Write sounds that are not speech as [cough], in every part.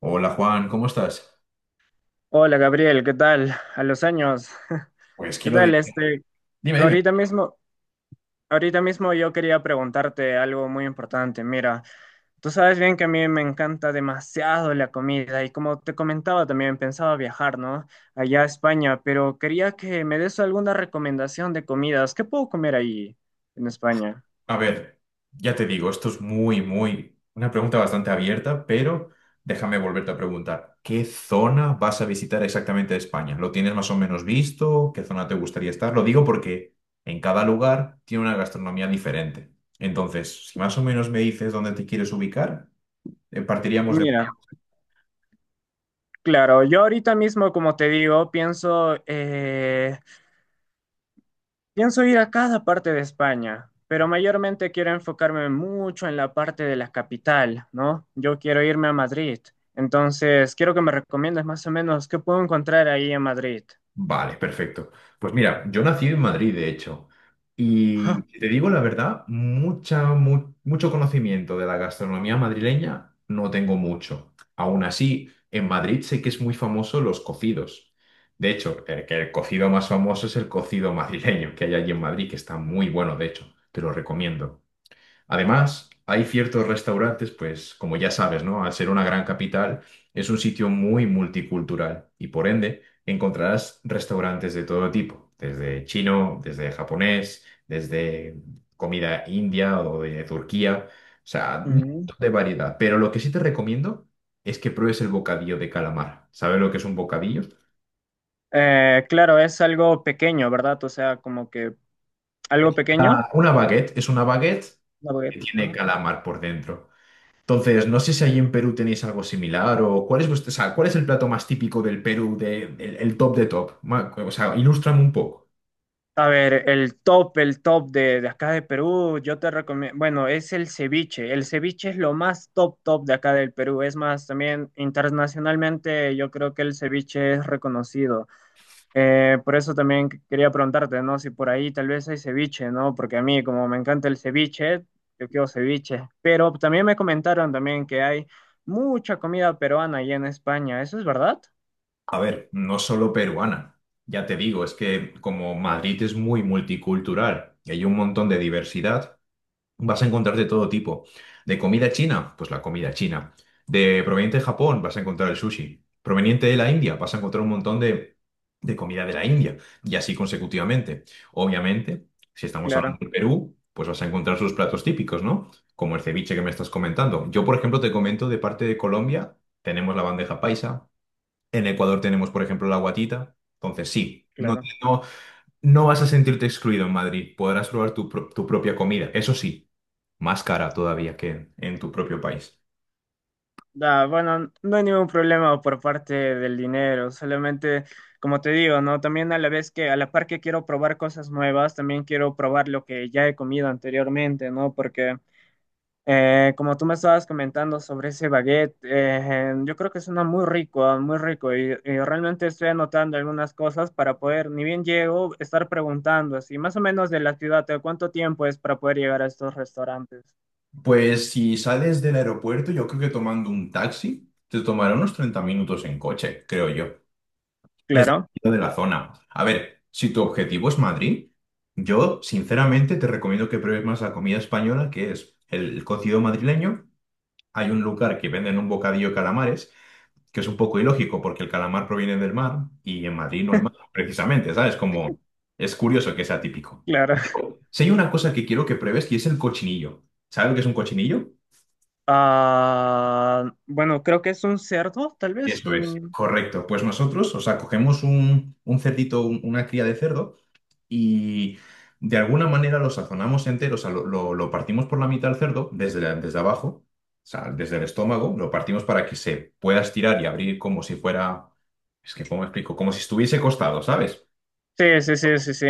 Hola Juan, ¿cómo estás? Hola Gabriel, ¿qué tal? A los años. [laughs] Pues, ¿Qué ¿quién lo tal? diría? Dime, dime. ahorita mismo, ahorita mismo yo quería preguntarte algo muy importante. Mira, tú sabes bien que a mí me encanta demasiado la comida y como te comentaba también pensaba viajar, ¿no? Allá a España, pero quería que me des alguna recomendación de comidas. ¿Qué puedo comer ahí en España? A ver, ya te digo, esto es una pregunta bastante abierta, pero déjame volverte a preguntar, ¿qué zona vas a visitar exactamente de España? ¿Lo tienes más o menos visto? ¿Qué zona te gustaría estar? Lo digo porque en cada lugar tiene una gastronomía diferente. Entonces, si más o menos me dices dónde te quieres ubicar, partiríamos de... Mira, claro, yo ahorita mismo, como te digo, pienso pienso ir a cada parte de España, pero mayormente quiero enfocarme mucho en la parte de la capital, ¿no? Yo quiero irme a Madrid, entonces quiero que me recomiendes más o menos qué puedo encontrar ahí en Madrid. [laughs] Vale, perfecto. Pues mira, yo nací en Madrid, de hecho, Ajá. y si te digo la verdad, mucho conocimiento de la gastronomía madrileña no tengo mucho. Aún así, en Madrid sé que es muy famoso los cocidos. De hecho, que el cocido más famoso es el cocido madrileño que hay allí en Madrid, que está muy bueno, de hecho, te lo recomiendo. Además, hay ciertos restaurantes, pues como ya sabes, ¿no? Al ser una gran capital, es un sitio muy multicultural y por ende encontrarás restaurantes de todo tipo, desde chino, desde japonés, desde comida india o de Turquía, o sea, un Ujú. montón de variedad. Pero lo que sí te recomiendo es que pruebes el bocadillo de calamar. ¿Sabes lo que es un bocadillo? Claro, es algo pequeño, ¿verdad? O sea, como que algo Ah, pequeño. una baguette es una baguette La que baguette. tiene Ajá. calamar por dentro. Entonces, no sé si allí en Perú tenéis algo similar o cuál es vuestro, o sea, cuál es el plato más típico del Perú, el top de top. Ma- O sea, ilústrame un poco. A ver, el top de acá de Perú, yo te recomiendo, bueno, es el ceviche. El ceviche es lo más top, top de acá del Perú. Es más, también internacionalmente yo creo que el ceviche es reconocido. Por eso también quería preguntarte, ¿no? Si por ahí tal vez hay ceviche, ¿no? Porque a mí, como me encanta el ceviche, yo quiero ceviche. Pero también me comentaron también que hay mucha comida peruana allá en España. ¿Eso es verdad? A ver, no solo peruana. Ya te digo, es que como Madrid es muy multicultural y hay un montón de diversidad, vas a encontrar de todo tipo. De comida china, pues la comida china. De proveniente de Japón, vas a encontrar el sushi. Proveniente de la India, vas a encontrar un montón de comida de la India. Y así consecutivamente. Obviamente, si estamos hablando Claro, de Perú, pues vas a encontrar sus platos típicos, ¿no? Como el ceviche que me estás comentando. Yo, por ejemplo, te comento de parte de Colombia, tenemos la bandeja paisa. En Ecuador tenemos, por ejemplo, la guatita. Entonces, sí, no, claro. no, no vas a sentirte excluido en Madrid. Podrás probar tu propia comida. Eso sí más cara todavía que en tu propio país. Da, bueno, no hay ningún problema por parte del dinero, solamente, como te digo, ¿no? También a la vez que, a la par que quiero probar cosas nuevas, también quiero probar lo que ya he comido anteriormente, ¿no? Porque, como tú me estabas comentando sobre ese baguette, yo creo que suena muy rico, ah, muy rico, y, realmente estoy anotando algunas cosas para poder, ni bien llego, estar preguntando así, más o menos de la ciudad, ¿de cuánto tiempo es para poder llegar a estos restaurantes? Pues si sales del aeropuerto, yo creo que tomando un taxi te tomará unos 30 minutos en coche, creo yo. Es Claro, dependiendo de la zona. A ver, si tu objetivo es Madrid, yo sinceramente te recomiendo que pruebes más la comida española, que es el cocido madrileño. Hay un lugar que venden un bocadillo de calamares que es un poco ilógico porque el calamar proviene del mar y en Madrid no hay mar, precisamente, ¿sabes? Como es curioso que sea típico. claro. Si hay una cosa que quiero que pruebes y es el cochinillo. ¿Sabes lo que es un cochinillo? Ah, bueno, creo que es un cerdo, tal vez. Eso es. Correcto. Pues nosotros, o sea, cogemos un cerdito, un- una cría de cerdo y de alguna manera lo sazonamos entero, o sea, lo partimos por la mitad del cerdo desde, la- desde abajo. O sea, desde el estómago, lo partimos para que se pueda estirar y abrir como si fuera, es que, ¿cómo explico? Como si estuviese costado, ¿sabes? Sí, sí, sí, sí, sí.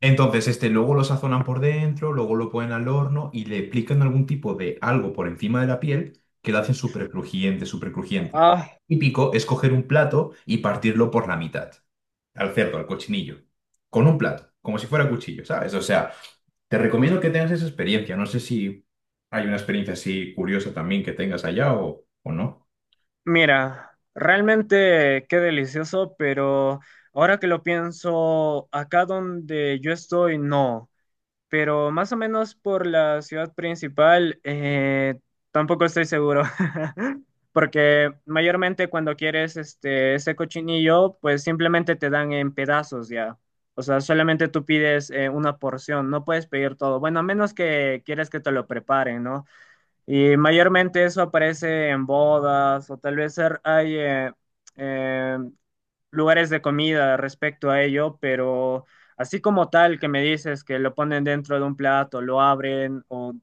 Entonces, este luego lo sazonan por dentro, luego lo ponen al horno y le aplican algún tipo de algo por encima de la piel que lo hacen súper crujiente, súper crujiente. Ah, Típico es coger un plato y partirlo por la mitad, al cerdo, al cochinillo, con un plato, como si fuera cuchillo, ¿sabes? O sea, te recomiendo que tengas esa experiencia. No sé si hay una experiencia así curiosa también que tengas allá o no. mira, realmente qué delicioso, pero ahora que lo pienso, acá donde yo estoy, no. Pero más o menos por la ciudad principal, tampoco estoy seguro. [laughs] Porque mayormente cuando quieres este, ese cochinillo, pues simplemente te dan en pedazos ya. O sea, solamente tú pides una porción, no puedes pedir todo. Bueno, a menos que quieres que te lo preparen, ¿no? Y mayormente eso aparece en bodas o tal vez hay eh, lugares de comida respecto a ello, pero así como tal que me dices que lo ponen dentro de un plato, lo abren o,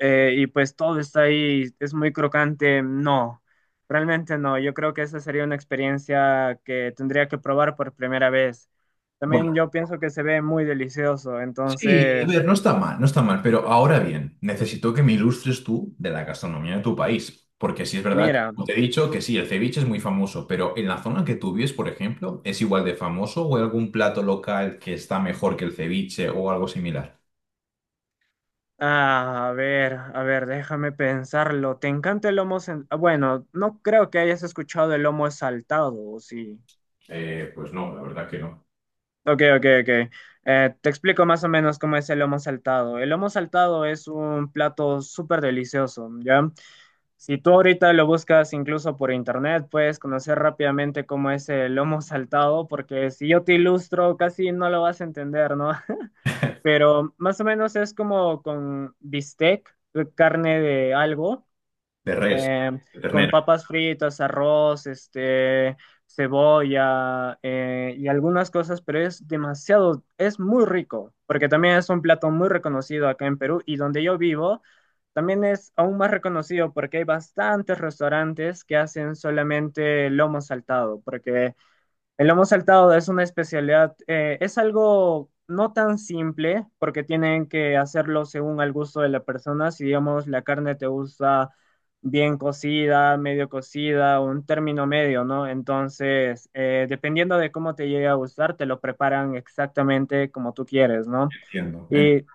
y pues todo está ahí, es muy crocante, no, realmente no. Yo creo que esa sería una experiencia que tendría que probar por primera vez. También yo pienso que se ve muy delicioso, Sí, a entonces, ver, no está mal, no está mal, pero ahora bien, necesito que me ilustres tú de la gastronomía de tu país, porque sí es verdad, mira, como te he dicho, que sí, el ceviche es muy famoso, pero en la zona que tú vives, por ejemplo, ¿es igual de famoso o hay algún plato local que está mejor que el ceviche o algo similar? A ver, déjame pensarlo. ¿Te encanta el lomo? Bueno, no creo que hayas escuchado el lomo saltado, ¿o sí? Pues no, la verdad que no. Ok, ok, ok. Te explico más o menos cómo es el lomo saltado. El lomo saltado es un plato súper delicioso, ¿ya? Si tú ahorita lo buscas incluso por internet, puedes conocer rápidamente cómo es el lomo [laughs] saltado, porque si yo te ilustro, casi no lo vas a entender, ¿no? [laughs] [laughs] Pero más o menos es como con bistec, carne de algo De res, em, de con ternera, papas fritas, arroz, cebolla y algunas cosas, pero es demasiado, es muy rico, porque también es un plato muy reconocido acá en Perú y donde yo vivo también es aún más reconocido porque hay bastantes restaurantes que hacen solamente lomo saltado, porque el lomo saltado es una especialidad, es algo no tan simple porque tienen que hacerlo según al gusto de la persona. Si digamos la carne te gusta bien cocida, medio cocida, un término medio, ¿no? Entonces, dependiendo de cómo te llegue a gustar, te lo preparan exactamente como tú quieres, ¿no? entiendo. Y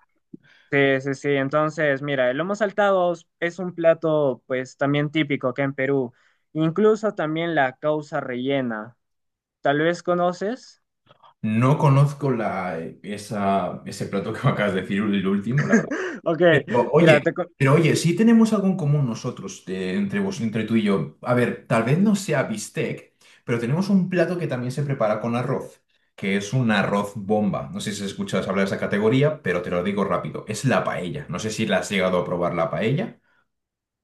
sí, sí, sí. Entonces, mira, el lomo saltado es un plato, pues, también típico acá en Perú. Incluso también la causa rellena. Tal vez conoces. No conozco la, esa, ese plato que me acabas de decir, el último, Ok, pero mira, oye, pero oye, sí tenemos algo en común nosotros, entre vos, entre tú y yo. A ver, tal vez no sea bistec, pero tenemos un plato que también se prepara con arroz, que es un arroz bomba. No sé si escuchas hablar de esa categoría, pero te lo digo rápido. Es la paella. No sé si la has llegado a probar la paella.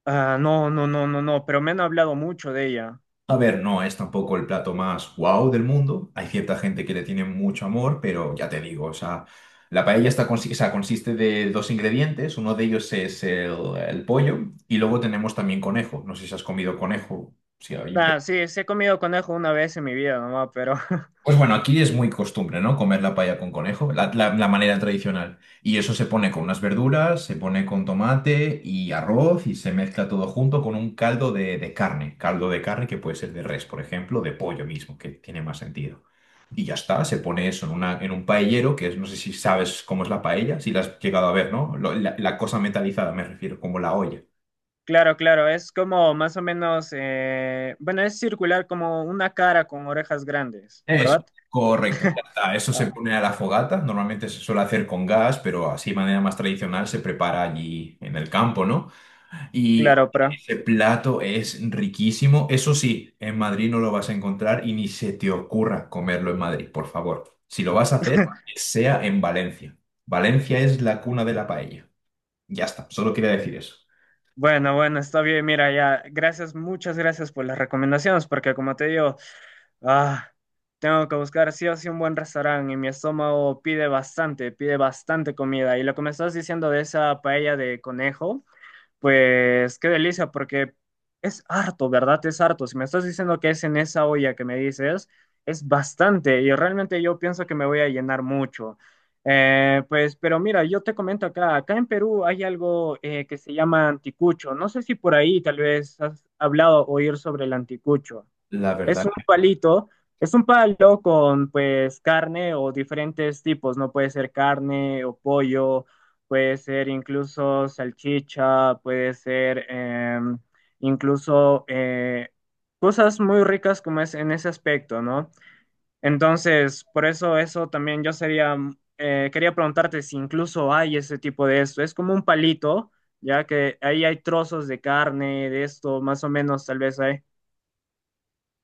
Ah, no, no, no, no, no, pero me han hablado mucho de ella. A ver, no es tampoco el plato más guau del mundo. Hay cierta gente que le tiene mucho amor, pero ya te digo, o sea, la paella está consi- o sea, consiste de dos ingredientes. Uno de ellos es el pollo y luego tenemos también conejo. No sé si has comido conejo, si hay Ah, sí, sí he comido conejo una vez en mi vida nomás, pero [laughs] pues bueno, aquí es muy costumbre, ¿no? Comer la paella con conejo, la manera tradicional. Y eso se pone con unas verduras, se pone con tomate y arroz y se mezcla todo junto con un caldo de carne. Caldo de carne que puede ser de res, por ejemplo, de pollo mismo, que tiene más sentido. Y ya está, se pone eso en, una, en un paellero, que es, no sé si sabes cómo es la paella, si la has llegado a ver, ¿no? Lo- la cosa metalizada, me refiero, como la olla. claro, claro, es como más o menos, bueno, es circular como una cara con orejas grandes, Eso, ¿verdad? correcto, ya está. Eso se Ah, pone a la fogata, normalmente se suele hacer con gas, pero así de manera más tradicional se prepara allí en el campo, ¿no? Y claro, pero ese plato es riquísimo. Eso sí, en Madrid no lo vas a encontrar y ni se te ocurra comerlo en Madrid, por favor. Si lo vas a hacer, que sea en Valencia. Valencia es la cuna de la paella. Ya está, solo quería decir eso. bueno, bueno, está bien, mira, ya, gracias, muchas gracias por las recomendaciones, porque como te digo, Ah, tengo que buscar sí o sí un buen restaurante y mi estómago pide bastante comida. Y lo que me estás diciendo de esa paella de conejo, pues qué delicia, porque es harto, ¿verdad? Es harto. Si me estás diciendo que es en esa olla que me dices, es bastante y realmente yo pienso que me voy a llenar mucho. Pero mira, yo te comento acá, acá en Perú hay algo que se llama anticucho. No sé si por ahí tal vez has hablado o oír sobre el anticucho. La Es verdad, un palito, es un palo con pues carne o diferentes tipos, no puede ser carne o pollo, puede ser incluso salchicha, puede ser incluso cosas muy ricas como es en ese aspecto, ¿no? Entonces, por eso eso también yo sería, quería preguntarte si incluso hay ese tipo de esto, es como un palito, ya que ahí hay trozos de carne, de esto, más o menos tal vez hay.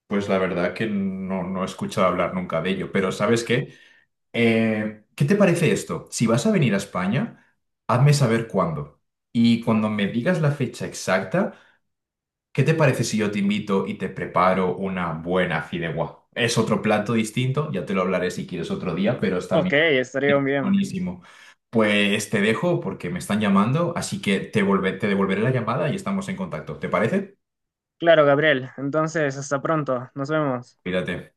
pues la verdad que no, no he escuchado hablar nunca de ello, pero ¿sabes qué? ¿Qué te parece esto? Si vas a venir a España, hazme saber cuándo. Y cuando me digas la fecha exacta, ¿qué te parece si yo te invito y te preparo una buena fideuá? Es otro plato distinto, ya te lo hablaré si quieres otro día, pero es Ok, también estaría bien. buenísimo. Pues te dejo porque me están llamando, así que te volve- te devolveré la llamada y estamos en contacto. ¿Te parece? Claro, Gabriel. Entonces, hasta pronto. Nos vemos. Cuídate.